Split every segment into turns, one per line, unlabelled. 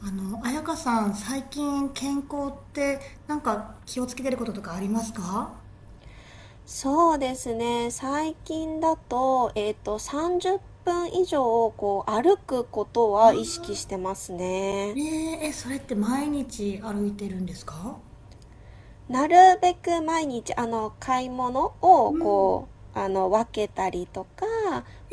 彩香さん、最近健康って気をつけてることとかありますか？
そうですね。最近だと、30分以上、こう、歩くこと
あ
は意識して
あ
ます
ー、
ね。
ねえ、え、それって毎日歩いてるんですか？
なるべく毎日、買い物を、
うん。
分けたりとか、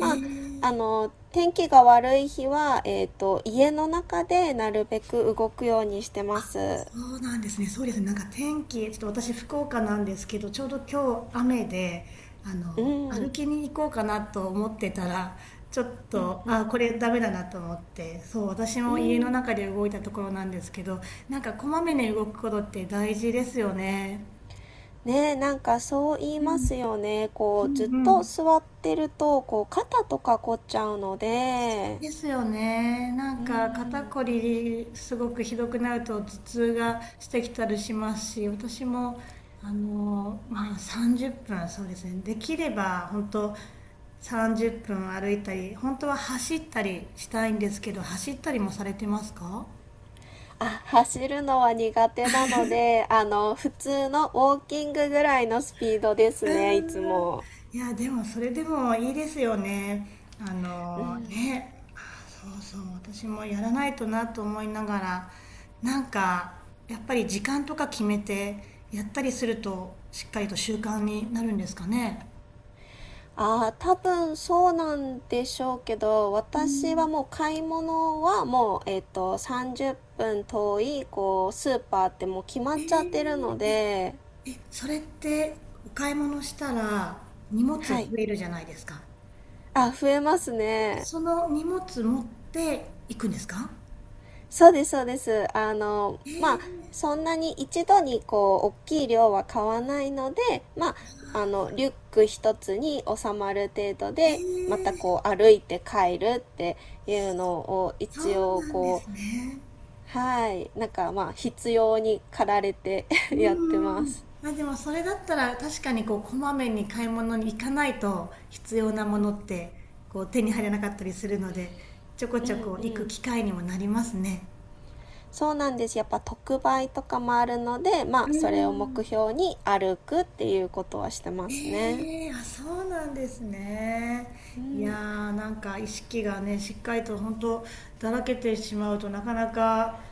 え
あ、
え、
天気が悪い日は、家の中でなるべく動くようにしてます。
そうなんですね。そうですね。なんか天気、ちょっと私福岡なんですけど、ちょうど今日雨で、
うん、う
歩
ん、
きに行こうかなと思ってたら、ちょっ
う
と、
ん、
あ、これダメだなと思って、そう、私
う
も家の
ん。
中で動いたところなんですけど、なんかこまめに動くことって大事ですよね。
ねえ、なんかそう言い
う
ま
ん、
すよね。こ
う
う、
ん
ずっ
う
と
ん。
座ってると、こう、肩とか凝っちゃうので、
ですよね。な
う
んか肩
ん。
こりすごくひどくなると頭痛がしてきたりしますし、私も30分そうですね。できれば本当30分歩いたり、本当は走ったりしたいんですけど、走ったりもされてますか？
あ、走るのは苦手なので、あの、普通のウォーキングぐらいのスピードです
うー
ね、いつ
ん。
も。
いや、でもそれでもいいですよね。あのね、あ、そうそう、私もやらないとなと思いながら、なんか、やっぱり時間とか決めてやったりすると、しっかりと習慣になるんですかね。
ああ、多分そうなんでしょうけど、私はもう買い物はもう、30分遠い、こう、スーパーってもう決ま
え
っちゃってるの
ー、
で、
え、それってお買い物したら荷物増
はい。
えるじゃないですか。
あ、増えますね。
その荷物持って行くんですか？
そうです、そうです。
えー、
そんなに一度にこう、大きい量は買わないので、リュック一つに収まる程度
え
で、また
ー、
こう、歩いて帰るっていうのを
そ
一
うな
応
んで
こ
す
う、
ね。
はい、なんかまあ、必要に駆られて
う
やってま
ーん。
す。
あ、でもそれだったら確かにこうこまめに買い物に行かないと必要なものってこう手に入らなかったりするので、ちょこ
う
ちょ
ん
こ行
う
く
ん。
機会にもなりますね。
そうなんです。やっぱ特売とかもあるので、
う
まあ、
ー
それを目
ん。
標に歩くっていうことはしてますね。
ええあ、そうなんですね。
う
いや
ん。
ー、なんか意識がね、しっかりと本当だらけてしまうとなかなか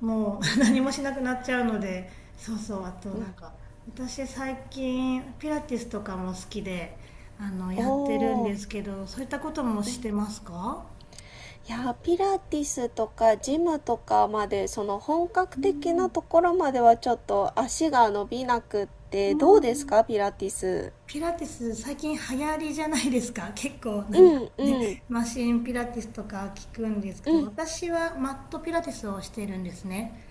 もう 何もしなくなっちゃうので、そうそう、あと
ま
なん
あ、
か、私最近ピラティスとかも好きで、やってるん
おー。
ですけど、そういったこともしてますか？
いや、ピラティスとかジムとかまで、その本格
う
的
ん。
なところまではちょっと足が伸びなくっ
う
て、どうです
ん
か、ピラティス。
ピラティス最近流行りじゃないですか。結構な
う
んか
ん
ね、
うん
マシンピラティスとか聞くんですけど、
うん。
私はマットピラティスをしてるんですね。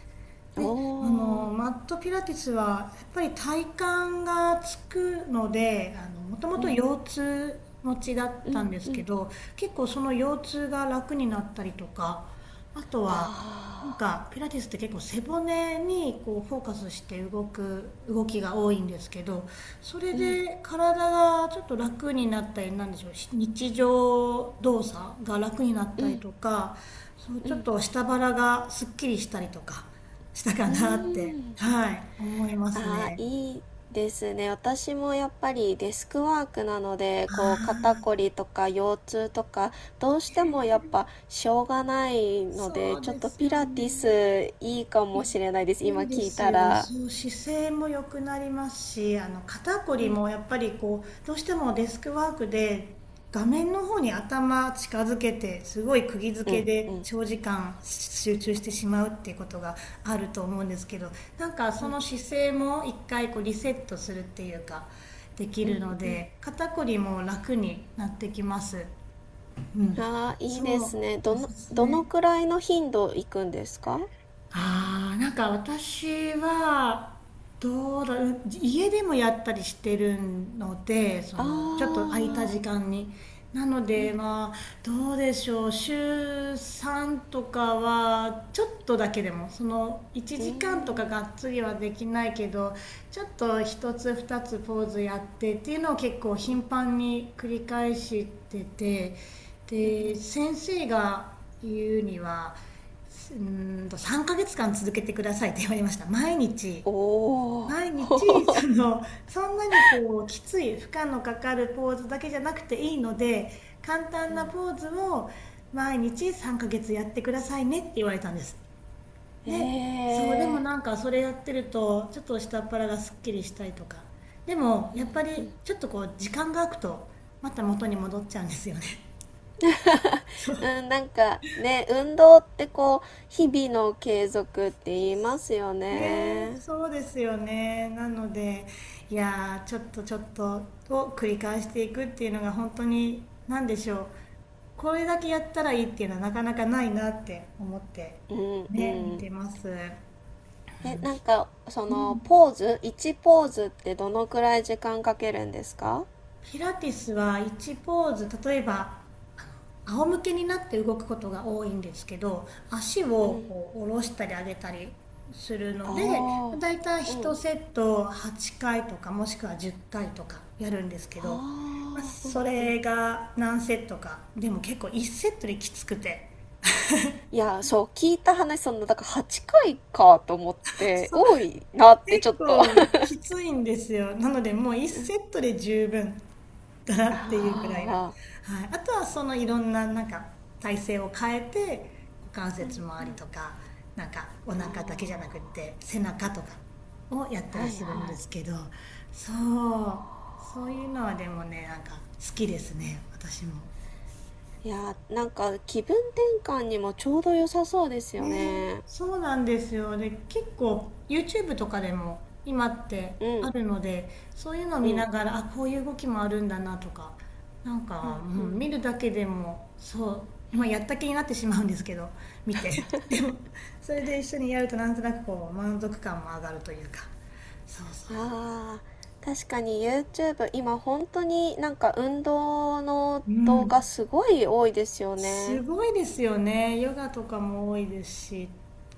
で、
おー。
マットピラティスは、やっぱり体幹がつくので、もとも
う
と
ん
腰痛持ちだっ
う
たん
ん
で
う
すけ
ん。
ど、結構その腰痛が楽になったりとか、あとは、なん
あ
かピラティスって結構背骨にこうフォーカスして動く動きが多いんですけど、それ
ー。うん
で体がちょっと楽になったりなんでしょう、日常動作が楽になっ
う
たり
ん
とか、そう
う
ちょっ
ん。
と下腹がすっきりしたりとかしたか
う
なって、
ん。
はい、思います
ああ、
ね。
いいですね。私もやっぱりデスクワークなので、こう肩こりとか腰痛とか、どうしてもやっぱしょうがないの
そ
で、
う
ちょっ
で
と
す
ピ
よ
ラティ
ね。
スいいか
い
もしれないです。今
いいで
聞い
す
た
よ。
ら。
そう、姿勢も良くなりますし、あの肩こりもやっぱりこう、どうしてもデスクワークで画面の方に頭近づけて、すごい釘
う
付け
んう
で
ん。
長時間集中してしまうっていうことがあると思うんですけど、なんかその姿勢も一回こうリセットするっていうか、できるので、肩こりも楽になってきます。うん。
ああ、いいで
そう、
すね。ど
お
の、
すす
どの
め。
くらいの頻度行くんですか？
ああ、なんか私は、どうだろう、家でもやったりしてるので、そ
あ
の、ちょっと空いた時
あ
間に。なので、まあ、どうでしょう、週3とかは、ちょっとだけでも、その、1
ー、うん。
時間とかがっつりはできないけど、ちょっと1つ2つポーズやってっていうのを結構頻繁に繰り返してて、で、先生が言うには、うんと3ヶ月間続けてくださいって言われました。毎日。
おお。
毎日、その、そんなにこう、きつい、負荷のかかるポーズだけじゃなくていいので、簡単なポーズを毎日3ヶ月やってくださいねって言われたんです。
え
で、そう、でも
えー。
なんかそれやってると、ちょっと下っ腹がすっきりしたりとか。でも、やっぱり、ちょっとこう、時間が空くと、また元に戻っちゃうんですよね。そう。
うん、なんかね、運動ってこう、日々の継続って言いますよ
ねえ、
ね。
そうですよね。なので、いやー、ちょっとちょっとを繰り返していくっていうのが本当に、なんでしょう。これだけやったらいいっていうのはなかなかないなって思って、
うん
ね、
う
見
ん。
てます。
え、なんか、そ
う
の、
ん。
ポーズ、1ポーズってどのくらい時間かけるんですか？
ピラティスは1ポーズ例えば仰向けになって動くことが多いんですけど、足
う
を
ん。
こう下ろしたり上げたりするので、
あ
だいたい1
あ、う
セ
ん。
ット8回とかもしくは10回とかやるんですけ
あ
ど、まあ、
あ、
そ
うんうん。
れが何セットかでも結構1セットできつくて、
いや、そう、聞いた話、その、だから8回かいかと思っ て、
そう
多いなってちょっ
結
と。あ
構きついんですよ。なのでもう1セットで十分かなっていうぐらいな。は
あ、
い。あとはそのいろんななんか体勢を変えて、股関節周りとか、なんかお腹だ
あ
けじゃなくって背中とかをやった
あ、は
り
い
するん
は
で
い。
すけど、そう、そういうのはでもね、なんか好きですね、私も。
いやーなんか気分転換にもちょうど良さそうですよ
ね、
ね。
そうなんですよ。で、結構 YouTube とかでも今って
う
あ
ん
るので、そういうのを
う
見
ん
ながら、あ、こういう動きもあるんだなとか、なん
う
か、
ん
う
う
ん、
ん。
見るだけでも、そう、まあ、やった気になってしまうんですけど、見て。でも、それで一緒にやるとなんとなくこう、満足感も上がるというか。そうそう
あー、確かに YouTube 今本当になんか運動の
う。う
動画
ん。
すごい多いですよ
す
ね。
ごいですよね。ヨガとかも多いですし、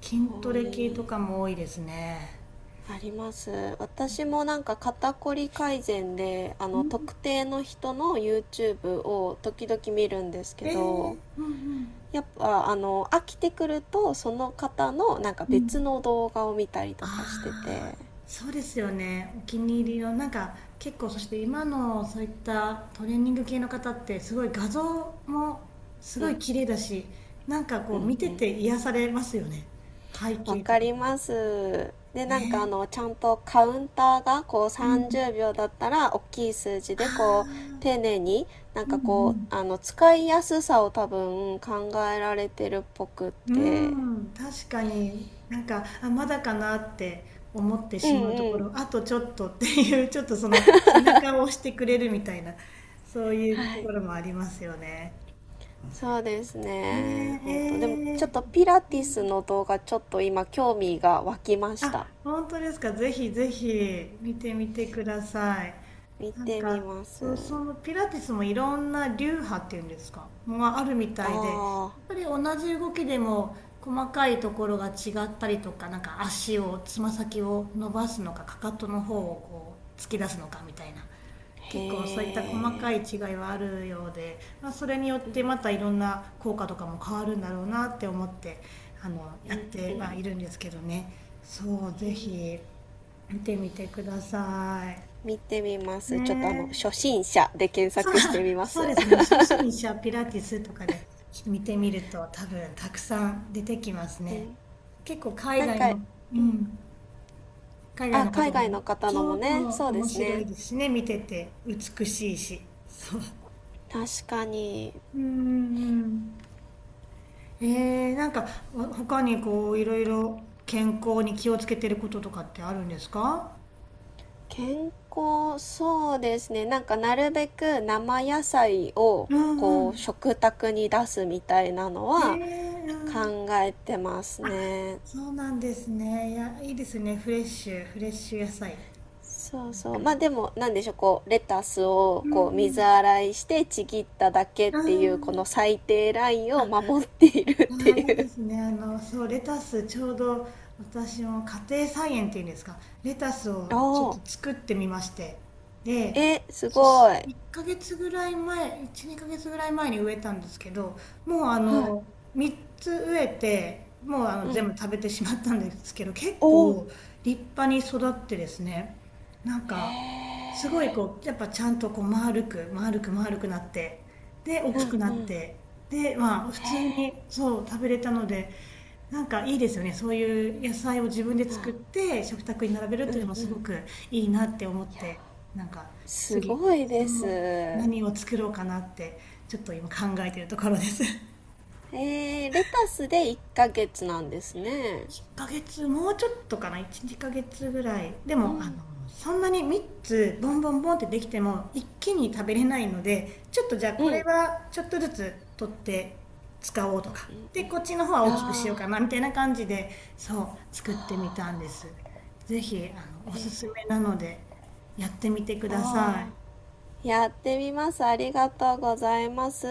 筋ト
多
レ系と
い
かも多いですね。
あります。私もなんか肩こり改善であ
う
の
ん
特定の人の YouTube を時々見るんですけ
えー、
ど、
うんうん。
やっぱあの飽きてくるとその方のなんか
うん。
別の動画を見たりとかして
あ
て
あ、そうですよね。お気に入りの、なんか結構そして今のそういったトレーニング系の方ってすごい画像もすごい綺麗だし、なんかこう見てて癒されますよね。背
「わ
景と
か
かも。
ります」でなんかあのちゃんとカウンターがこう
うん。
30秒だったら大きい数字
あ
でこう
あ、
丁寧になん
う
かこ
ん
うあの使いやすさを多分考えられてるっぽくっ
う
て、
ん。うーん、確かに、なんか、あ、まだかなって思って
うん
しまうとこ
うん、
ろ、あとちょっとっていう、ちょっとその背中を押してくれるみたいな、そういう
は
と
い、
ころもありますよね。
そうですね。
ね
本当でもち
え、
ょっ
え
とピ
ー
ラティスの動画ちょっと今興味が湧きました。
あ、本当ですか。ぜひぜひ見てみてください。
見
なん
てみ
か、
ます。
そう、そのピラティスもいろんな流派っていうんですか、もうあるみたいで、
ああ、
やっぱり同じ動きでも細かいところが違ったりとか、なんか足を、つま先を伸ばすのか、かかとの方をこう突き出すのかみたいな。結構そういっ
へ
た細かい違い
え、
はあるようで、まあ、それによってまたいろんな効果とかも変わるんだろうなって思って、
う
やっ
んう
ては
ん。
いるんですけどね。そうぜひ見てみてくださ
見てみま
い
すちょっとあの
ねえ、
初心者で検
そう、
索してみま
そう
す
ですね 初心者ピラティスとかで見てみると多分たくさん出てきます
う
ね。
ん、
結構海
なん
外
か、
の、うん、海外
あ
の
海
方
外
も、
の方の
そ
も
う
ね、
も
そうで
面
す
白
ね。
いですしね、見てて美しいしそう
確かに
うんんえー、なんかわ他にこういろいろ健康に気をつけてることとかってあるんですか？
健康そうですね。なんかなるべく生野菜を
うんう
こう
ん。
食卓に出すみたいなの
え
は
ー、うん。
考えてます
あ、
ね。
そうなんですね。いや、いいですね。フレッシュ野菜。
そう
なん
そう、
か、
まあでもなんでしょう、こうレタス
う
をこう水
ん
洗いしてちぎっただけっ
う
ていう
ん。
こ
う
の
ん。
最低ラインを守っているっ
あ
て
あ、い
い
いで
う
すね。そう、レタス、ちょうど私も家庭菜園っていうんですか、レタスを
お
ちょっ
ー、
と作ってみまして。で、
えす
そし
ごい、
1ヶ月ぐらい前、1、2ヶ月ぐらい前に植えたんですけど、もうあ
はい、
の、3つ植えて、もうあの
う
全
ん、
部食べてしまったんですけど、結
おー、
構立派に育ってですね、なんか、すごいこう、やっぱちゃんとこう丸く、丸くなって、で、大きくなって、で、まあ、普通に、そう、食べれたので、なんかいいですよね。そういう野菜を自分で作って食卓に並べるというのもすごくいいなって思って、なんか
す
次、
ごい
そ
です。
の
え
何を作ろうかなって、ちょっと今考えてるところです。
ー、レタスで1ヶ月なんですね。
ヶ月、もうちょっとかな、1、2ヶ月ぐらい。で
う
も、あ
ん
の、そんなに3つボンボンボンってできても一気に食べれないので、ちょっとじゃあこ
う
れ
ん、
はちょっとずつ取って使おうとか。で、こっちの方は
あ
大きくしようか
ー、
な、みたいな感じで、そう、作ってみたんです。ぜひ、おすすめなので、やってみてくださ
あ
い。
ー、やってみます。ありがとうございます。